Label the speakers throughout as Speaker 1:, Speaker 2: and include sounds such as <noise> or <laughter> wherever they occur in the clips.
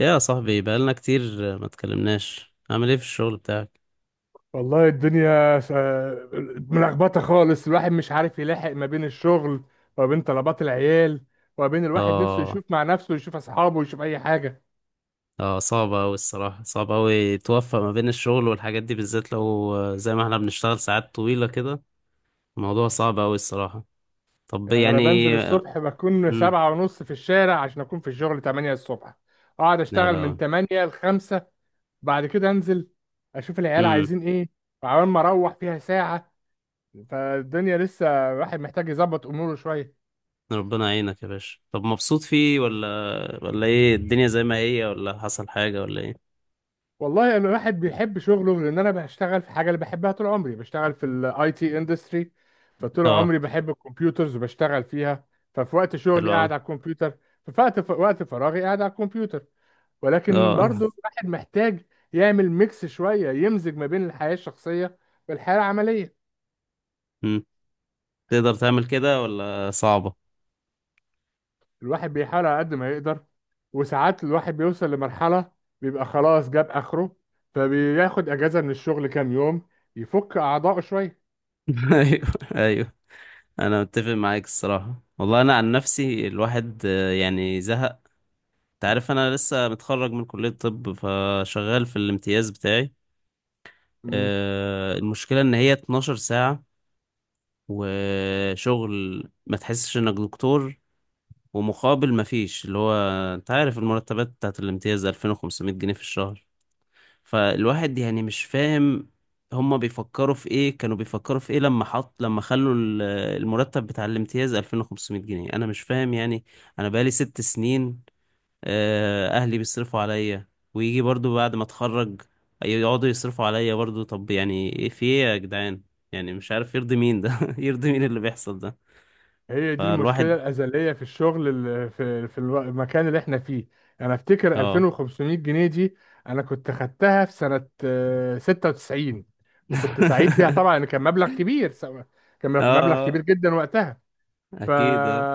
Speaker 1: يا صاحبي بقالنا كتير، ما اتكلمناش عامل ايه في الشغل بتاعك؟
Speaker 2: والله الدنيا ملخبطة خالص. الواحد مش عارف يلاحق ما بين الشغل، وما بين طلبات العيال، وما بين الواحد نفسه
Speaker 1: اه،
Speaker 2: يشوف مع نفسه ويشوف أصحابه ويشوف أي حاجة.
Speaker 1: اه، صعب اوي الصراحة، صعب اوي توفق ما بين الشغل والحاجات دي، بالذات لو زي ما احنا بنشتغل ساعات طويلة كده. الموضوع صعب اوي الصراحة. طب
Speaker 2: يعني أنا
Speaker 1: يعني.
Speaker 2: بنزل الصبح بكون
Speaker 1: امم.
Speaker 2: سبعة ونص في الشارع عشان أكون في الشغل تمانية الصبح. أقعد
Speaker 1: لا،
Speaker 2: أشتغل من
Speaker 1: لا.
Speaker 2: تمانية لخمسة. بعد كده أنزل أشوف العيال
Speaker 1: امم.
Speaker 2: عايزين إيه، وعمال ما أروح فيها ساعة. فالدنيا لسه الواحد محتاج يظبط أموره شوية.
Speaker 1: ربنا يعينك يا باشا. طب مبسوط فيه ولا، ولا ايه، الدنيا زي ما هي ولا حصل حاجة ولا ايه؟
Speaker 2: والله انا الواحد بيحب شغله، لان انا بشتغل في حاجه اللي بحبها. طول عمري بشتغل في الاي تي اندستري. فطول
Speaker 1: اه.
Speaker 2: عمري بحب الكمبيوترز وبشتغل فيها. ففي وقت
Speaker 1: حلو
Speaker 2: شغلي
Speaker 1: اوي.
Speaker 2: قاعد على الكمبيوتر. ففي وقت فراغي قاعد على الكمبيوتر. ولكن
Speaker 1: اه.
Speaker 2: برضو الواحد محتاج يعمل ميكس شويه، يمزج ما بين الحياه الشخصيه والحياه العمليه.
Speaker 1: مم. تقدر تعمل كده ولا صعبة؟
Speaker 2: الواحد بيحاول على قد ما يقدر، وساعات الواحد بيوصل لمرحله بيبقى خلاص جاب اخره، فبياخد اجازه من الشغل كام يوم يفك اعضائه شويه.
Speaker 1: <laughs> ايوه، ايوه، انا متفق معاك الصراحه، والله انا عن نفسي الواحد يعني زهق. انت عارف انا لسه متخرج من كليه طب، فشغال في الامتياز بتاعي. المشكله ان هي 12 ساعه، وشغل ما تحسش انك دكتور، ومقابل ما فيش، اللي هو انت عارف المرتبات بتاعت الامتياز 2500 جنيه في الشهر. فالواحد يعني مش فاهم، هما بيفكروا في ايه، كانوا بيفكروا في ايه لما حط، المرتب بتاع الامتياز 2500 جنيه؟ انا مش فاهم يعني. انا بقالي 6 سنين اهلي بيصرفوا عليا، ويجي برضو بعد ما اتخرج يقعدوا يصرفوا عليا برضو. طب يعني ايه، في ايه يا جدعان؟ يعني مش عارف يرضي مين ده؟ <laughs> يرضي مين اللي بيحصل ده.
Speaker 2: هي دي
Speaker 1: فالواحد.
Speaker 2: المشكلة الأزلية في الشغل المكان اللي احنا فيه. أنا أفتكر
Speaker 1: اه.
Speaker 2: 2500 جنيه دي. أنا كنت خدتها في سنة 96. وكنت سعيد بيها طبعا
Speaker 1: <laughs>
Speaker 2: إن كان مبلغ كبير. كان مبلغ
Speaker 1: اه،
Speaker 2: كبير جدا وقتها. ف
Speaker 1: اكيد. اه.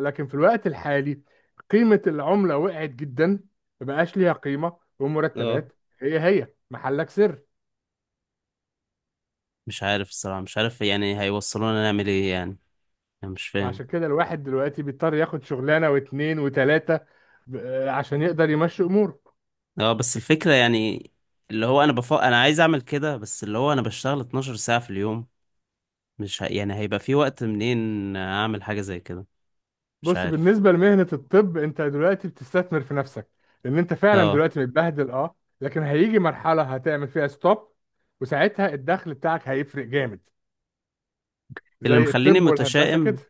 Speaker 2: لكن في الوقت الحالي قيمة العملة وقعت جدا، مبقاش ليها قيمة.
Speaker 1: اه
Speaker 2: والمرتبات هي هي محلك سر.
Speaker 1: مش عارف الصراحة، مش عارف يعني هيوصلونا نعمل ايه يعني. انا مش فاهم.
Speaker 2: وعشان كده الواحد دلوقتي بيضطر ياخد شغلانة واتنين وتلاتة، عشان يقدر يمشي أموره.
Speaker 1: اه بس الفكرة يعني، اللي هو انا عايز اعمل كده، بس اللي هو انا بشتغل 12 ساعة في اليوم. مش ه... يعني هيبقى في وقت منين اعمل حاجة زي كده؟ مش
Speaker 2: بص،
Speaker 1: عارف.
Speaker 2: بالنسبة لمهنة الطب انت دلوقتي بتستثمر في نفسك، لان انت فعلا
Speaker 1: اه.
Speaker 2: دلوقتي متبهدل، اه. لكن هيجي مرحلة هتعمل فيها ستوب، وساعتها الدخل بتاعك هيفرق جامد
Speaker 1: اللي
Speaker 2: زي
Speaker 1: مخليني
Speaker 2: الطب والهندسة كده.
Speaker 1: متشائم،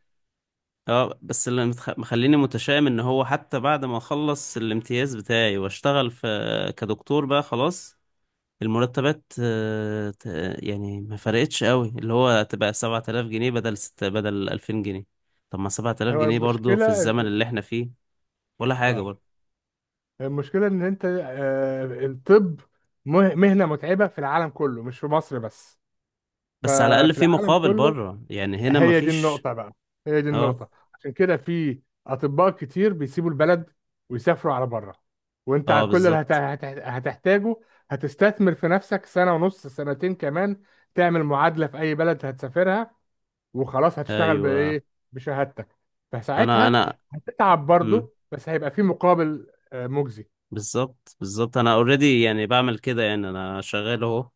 Speaker 1: اه بس مخليني متشائم ان هو حتى بعد ما اخلص الامتياز بتاعي واشتغل في كدكتور بقى خلاص، المرتبات يعني ما فرقتش قوي، اللي هو تبقى 7000 جنيه بدل 2000 جنيه. طب ما 7000
Speaker 2: هو
Speaker 1: جنيه برضو في
Speaker 2: المشكلة
Speaker 1: الزمن
Speaker 2: ان
Speaker 1: اللي احنا فيه ولا حاجة
Speaker 2: اه
Speaker 1: برضه.
Speaker 2: المشكلة ان انت الطب مهنة متعبة في العالم كله، مش في مصر بس.
Speaker 1: بس على
Speaker 2: ففي
Speaker 1: الأقل في
Speaker 2: العالم
Speaker 1: مقابل
Speaker 2: كله،
Speaker 1: بره، يعني هنا
Speaker 2: هي دي
Speaker 1: مفيش.
Speaker 2: النقطة بقى. هي دي
Speaker 1: اه.
Speaker 2: النقطة عشان كده في أطباء كتير بيسيبوا البلد ويسافروا على بره. وأنت على
Speaker 1: اه
Speaker 2: كل اللي
Speaker 1: بالظبط.
Speaker 2: هتحتاجه. هتستثمر في نفسك سنة ونص، سنتين كمان، تعمل معادلة في أي بلد هتسافرها، وخلاص هتشتغل
Speaker 1: أيوه.
Speaker 2: بإيه؟ بشهادتك.
Speaker 1: أنا
Speaker 2: فساعتها
Speaker 1: أنا
Speaker 2: هتتعب
Speaker 1: مم.
Speaker 2: برضه، بس هيبقى في مقابل مجزي.
Speaker 1: بالظبط، بالظبط، أنا أوريدي يعني بعمل كده، يعني أنا شغال أهو،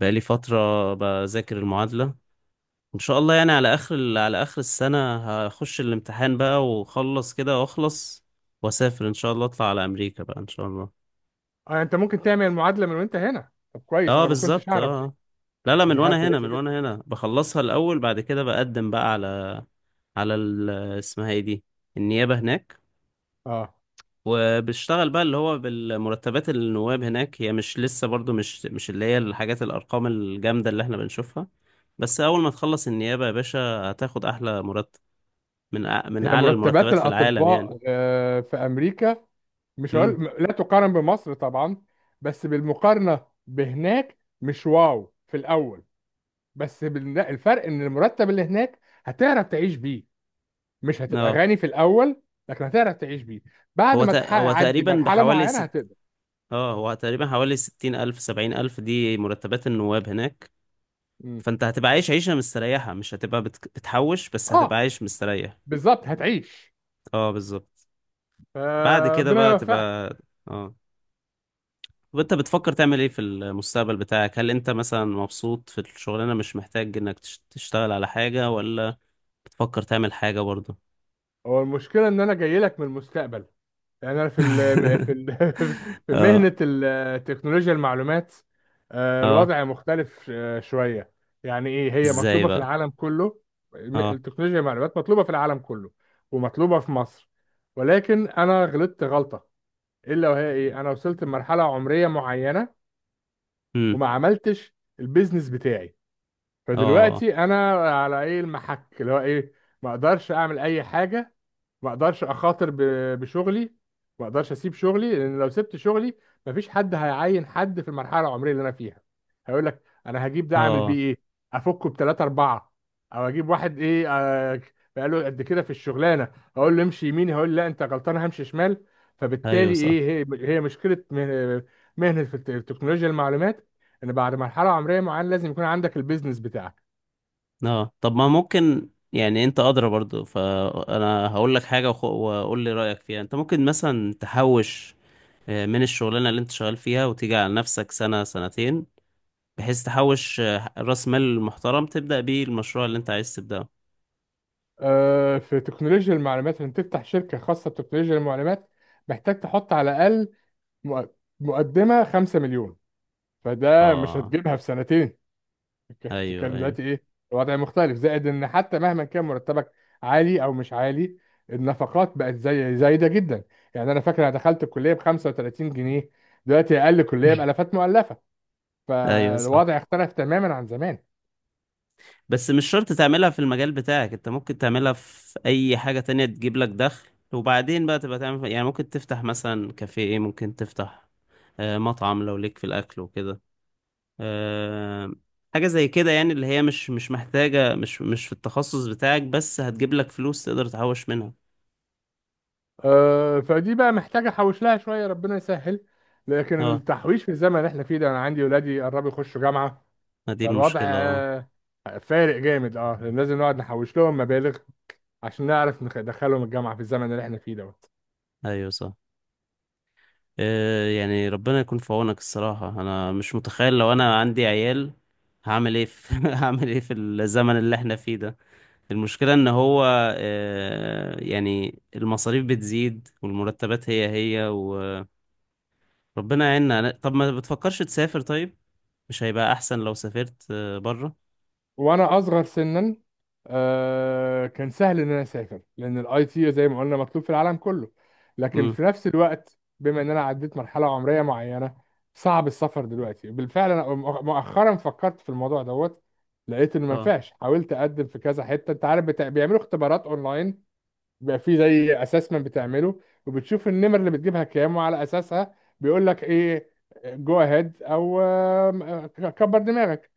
Speaker 1: بقالي فترة بذاكر المعادلة. إن شاء الله يعني على آخر السنة هخش الامتحان بقى وأخلص كده، وأخلص وأسافر إن شاء الله، أطلع على أمريكا بقى إن شاء الله.
Speaker 2: أنت ممكن تعمل معادلة من وأنت هنا. طب كويس،
Speaker 1: اه
Speaker 2: أنا ما كنتش
Speaker 1: بالظبط،
Speaker 2: أعرف
Speaker 1: اه.
Speaker 2: دي.
Speaker 1: آه. لا، لا، من
Speaker 2: دي حاجة
Speaker 1: وأنا هنا،
Speaker 2: كويسة جدا.
Speaker 1: بخلصها الأول، بعد كده بقدم بقى على، على ال- اسمها ايه دي، النيابة هناك،
Speaker 2: أه.
Speaker 1: وبشتغل بقى اللي هو بالمرتبات النواب هناك. هي مش لسه برضو مش اللي هي الحاجات الأرقام الجامدة اللي احنا بنشوفها، بس أول ما تخلص النيابة يا باشا هتاخد أحلى مرتب من
Speaker 2: هي
Speaker 1: أعلى
Speaker 2: مرتبات
Speaker 1: المرتبات في العالم يعني.
Speaker 2: الأطباء في أمريكا، مش هقول
Speaker 1: امم.
Speaker 2: لا تقارن بمصر طبعا. بس بالمقارنة بهناك مش واو في الأول. لا، الفرق إن المرتب اللي هناك هتعرف تعيش بيه. مش هتبقى
Speaker 1: اه.
Speaker 2: غني في الأول، لكن هتعرف تعيش بيه. بعد
Speaker 1: هو
Speaker 2: ما
Speaker 1: ت... هو
Speaker 2: تعدي
Speaker 1: تقريبا
Speaker 2: مرحلة
Speaker 1: بحوالي
Speaker 2: معينة
Speaker 1: ست
Speaker 2: هتقدر.
Speaker 1: اه هو تقريبا حوالي 60,000، 70,000، دي مرتبات النواب هناك.
Speaker 2: مم.
Speaker 1: فأنت هتبقى عايش عيشة مستريحة، مش هتبقى بتحوش، بس
Speaker 2: اه
Speaker 1: هتبقى عايش مستريح.
Speaker 2: بالظبط، هتعيش.
Speaker 1: اه بالظبط. بعد كده
Speaker 2: فربنا
Speaker 1: بقى
Speaker 2: يوفقك.
Speaker 1: تبقى. اه. طب انت بتفكر تعمل ايه في المستقبل بتاعك؟ هل انت مثلا مبسوط في الشغلانة، مش محتاج انك تشتغل على حاجة، ولا بتفكر تعمل حاجة برضه؟
Speaker 2: هو المشكلة إن أنا جاي لك من المستقبل. يعني انا في ال في
Speaker 1: <laughs>
Speaker 2: ال <laughs> في
Speaker 1: اه.
Speaker 2: مهنة تكنولوجيا المعلومات.
Speaker 1: اه.
Speaker 2: الوضع مختلف شوية. يعني ايه، هي
Speaker 1: ازاي
Speaker 2: مطلوبة في
Speaker 1: بقى؟
Speaker 2: العالم كله.
Speaker 1: اه.
Speaker 2: التكنولوجيا المعلومات مطلوبة في العالم كله، ومطلوبة في مصر. ولكن انا غلطت غلطة، الا وهي ايه؟ انا وصلت لمرحلة عمرية معينة
Speaker 1: امم.
Speaker 2: وما عملتش البيزنس بتاعي.
Speaker 1: اه.
Speaker 2: فدلوقتي انا على ايه المحك؟ اللي هو ايه؟ ما اقدرش اعمل اي حاجه. ما اقدرش اخاطر بشغلي. ما اقدرش اسيب شغلي، لان لو سبت شغلي مفيش حد هيعين حد في المرحله العمريه اللي انا فيها. هيقول لك انا هجيب ده اعمل
Speaker 1: اه.
Speaker 2: بيه ايه؟ افكه بثلاثه اربعه؟ او اجيب واحد ايه، بقى له قد كده في الشغلانه، اقول له امشي يمين هيقول لي لا انت غلطان همشي شمال.
Speaker 1: ايوه
Speaker 2: فبالتالي
Speaker 1: صح.
Speaker 2: ايه؟ هي هي مشكله مهنه في التكنولوجيا المعلومات، ان بعد مرحله عمريه معينه لازم يكون عندك البيزنس بتاعك.
Speaker 1: اه طب ما ممكن، يعني انت ادرى برضه، فانا هقول لك حاجة وقول لي رأيك فيها. انت ممكن مثلا تحوش من الشغلانة اللي انت شغال فيها، وتيجي على نفسك سنة سنتين بحيث تحوش راس مال محترم تبدأ بيه المشروع اللي انت عايز تبدأه.
Speaker 2: في تكنولوجيا المعلومات، ان تفتح شركه خاصه بتكنولوجيا المعلومات محتاج تحط على الاقل مق- مقدمه 5 مليون، فده مش
Speaker 1: اه.
Speaker 2: هتجيبها في سنتين. إنت
Speaker 1: ايوه،
Speaker 2: بتتكلم
Speaker 1: ايوه.
Speaker 2: دلوقتي ايه؟ الوضع مختلف، زائد ان حتى مهما كان مرتبك عالي او مش عالي، النفقات بقت زي زايده جدا. يعني انا فاكر انا دخلت الكليه ب 35 جنيه. دلوقتي اقل كليه
Speaker 1: <laughs>
Speaker 2: بالافات مؤلفه.
Speaker 1: ايوه صح.
Speaker 2: فالوضع اختلف تماما عن زمان.
Speaker 1: بس مش شرط تعملها في المجال بتاعك، انت ممكن تعملها في اي حاجة تانية تجيب لك دخل، وبعدين بقى تبقى تعمل يعني. ممكن تفتح مثلا كافيه، ممكن تفتح مطعم لو ليك في الاكل وكده. آه، حاجة زي كده يعني، اللي هي مش محتاجة، مش في التخصص بتاعك، بس هتجيب لك فلوس تقدر تحوش منها.
Speaker 2: فدي بقى محتاجة أحوش لها شوية، ربنا يسهل. لكن
Speaker 1: اه.
Speaker 2: التحويش في الزمن اللي احنا فيه ده، أنا عندي ولادي قربوا يخشوا جامعة.
Speaker 1: ما دي
Speaker 2: فالوضع
Speaker 1: المشكلة. اه،
Speaker 2: فارق جامد، اه، لأن لازم نقعد نحوش لهم مبالغ عشان نعرف ندخلهم الجامعة في الزمن اللي احنا فيه ده.
Speaker 1: ايوه صح. يعني ربنا يكون في عونك الصراحة. أنا مش متخيل لو أنا عندي عيال هعمل إيه في، <laughs> هعمل إيه في الزمن اللي إحنا فيه ده؟ المشكلة إن هو يعني المصاريف بتزيد والمرتبات هي هي، وربنا يعيننا. طب ما بتفكرش تسافر طيب؟ مش هيبقى أحسن لو سافرت بره؟
Speaker 2: وانا اصغر سنا كان سهل ان انا اسافر، لان الاي تي زي ما قلنا مطلوب في العالم كله. لكن
Speaker 1: امم.
Speaker 2: في نفس الوقت بما ان انا عديت مرحله عمريه معينه، صعب السفر دلوقتي. بالفعل انا مؤخرا فكرت في الموضوع دوت. لقيت انه ما
Speaker 1: اه.
Speaker 2: ينفعش. حاولت اقدم في كذا حته، انت عارف بيعملوا اختبارات اونلاين. بيبقى في زي اسسمنت بتعمله، وبتشوف النمر اللي بتجيبها كام، وعلى اساسها بيقول لك ايه، جو اهيد او آم، آه، كبر دماغك.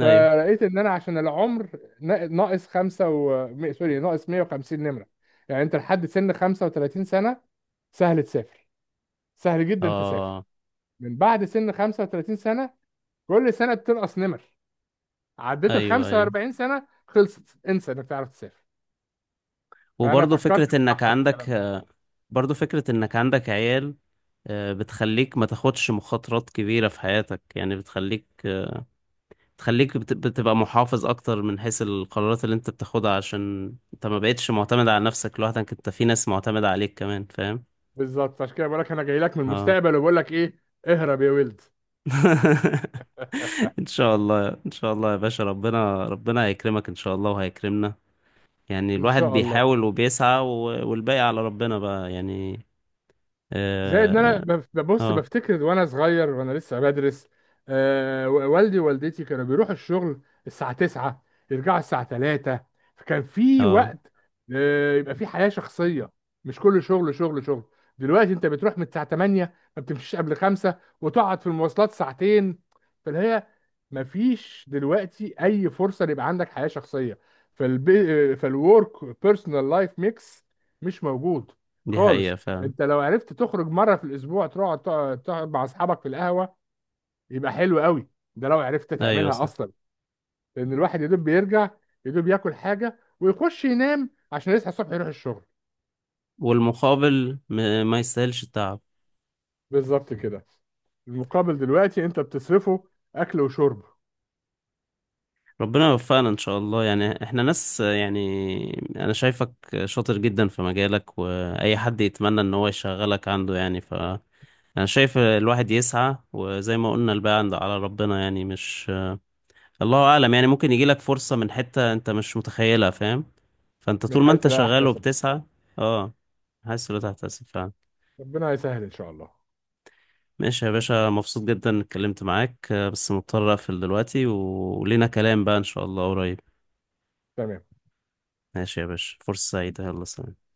Speaker 1: أيوه.
Speaker 2: فلقيت ان انا عشان العمر ناقص خمسة سوري، ناقص 150 نمرة. يعني انت لحد سن 35 سنة، سهل تسافر، سهل جدا تسافر.
Speaker 1: اه.
Speaker 2: من بعد سن 35 سنة كل سنة بتنقص نمر. عديت ال
Speaker 1: أيوه، أيوه.
Speaker 2: 45 سنة خلصت، انسى انك تعرف تسافر. فانا
Speaker 1: وبرضه
Speaker 2: فكرت
Speaker 1: فكرة إنك
Speaker 2: متأخر في
Speaker 1: عندك
Speaker 2: الكلام ده.
Speaker 1: برضو فكرة انك عندك عيال بتخليك ما تاخدش مخاطرات كبيرة في حياتك، يعني بتخليك، بتبقى محافظ اكتر من حيث القرارات اللي انت بتاخدها، عشان انت ما بقتش معتمد على نفسك لوحدك، انت في ناس معتمدة عليك كمان، فاهم؟
Speaker 2: بالظبط عشان كده بقول لك انا جاي لك من
Speaker 1: اه.
Speaker 2: المستقبل، وبقول لك ايه؟ اهرب يا ولد.
Speaker 1: <laughs>
Speaker 2: <laughs>
Speaker 1: ان شاء الله، ان شاء الله يا باشا، ربنا، ربنا هيكرمك ان شاء الله وهيكرمنا. يعني
Speaker 2: ان
Speaker 1: الواحد
Speaker 2: شاء الله.
Speaker 1: بيحاول وبيسعى، والباقي على ربنا بقى يعني.
Speaker 2: زائد ان انا
Speaker 1: اه.
Speaker 2: ببص
Speaker 1: اه.
Speaker 2: بفتكر وانا صغير وانا لسه بدرس. والدي ووالدتي كانوا بيروحوا الشغل الساعة 9، يرجعوا الساعة 3. فكان في
Speaker 1: آه،
Speaker 2: وقت، يبقى في حياة شخصية، مش كل شغل شغل شغل. دلوقتي انت بتروح من الساعة 8، ما بتمشيش قبل 5، وتقعد في المواصلات ساعتين. فاللي هي، ما فيش دلوقتي اي فرصة يبقى عندك حياة شخصية. فالورك بيرسونال لايف ميكس مش موجود
Speaker 1: دي حقيقة
Speaker 2: خالص.
Speaker 1: فعلا.
Speaker 2: انت لو عرفت تخرج مره في الاسبوع تقعد تقعد تقعد مع اصحابك في القهوه، يبقى حلو قوي. ده لو عرفت
Speaker 1: ايوه
Speaker 2: تعملها
Speaker 1: صح.
Speaker 2: اصلا. لان الواحد يا دوب بيرجع، يا دوب ياكل حاجه ويخش ينام عشان يصحى الصبح يروح الشغل.
Speaker 1: والمقابل ما يستاهلش التعب.
Speaker 2: بالظبط كده. المقابل دلوقتي انت بتصرفه اكل وشرب.
Speaker 1: ربنا يوفقنا ان شاء الله. يعني احنا ناس يعني، انا شايفك شاطر جدا في مجالك، واي حد يتمنى ان هو يشغلك عنده يعني. ف انا شايف الواحد يسعى، وزي ما قلنا الباقي عند على ربنا يعني، مش الله اعلم يعني، ممكن يجيلك فرصة من حتة انت مش متخيلها، فاهم؟ فانت
Speaker 2: من
Speaker 1: طول ما
Speaker 2: حيث
Speaker 1: انت
Speaker 2: لا
Speaker 1: شغال
Speaker 2: احتسب،
Speaker 1: وبتسعى. اه. حاسس إن تحتسب فعلا.
Speaker 2: ربنا يسهل ان شاء الله.
Speaker 1: ماشي يا باشا، مبسوط جدا إني اتكلمت معاك. بس مضطر اقفل دلوقتي، ولينا كلام بقى ان شاء الله قريب.
Speaker 2: تمام.
Speaker 1: ماشي يا باشا، فرصة سعيدة، يلا سلام.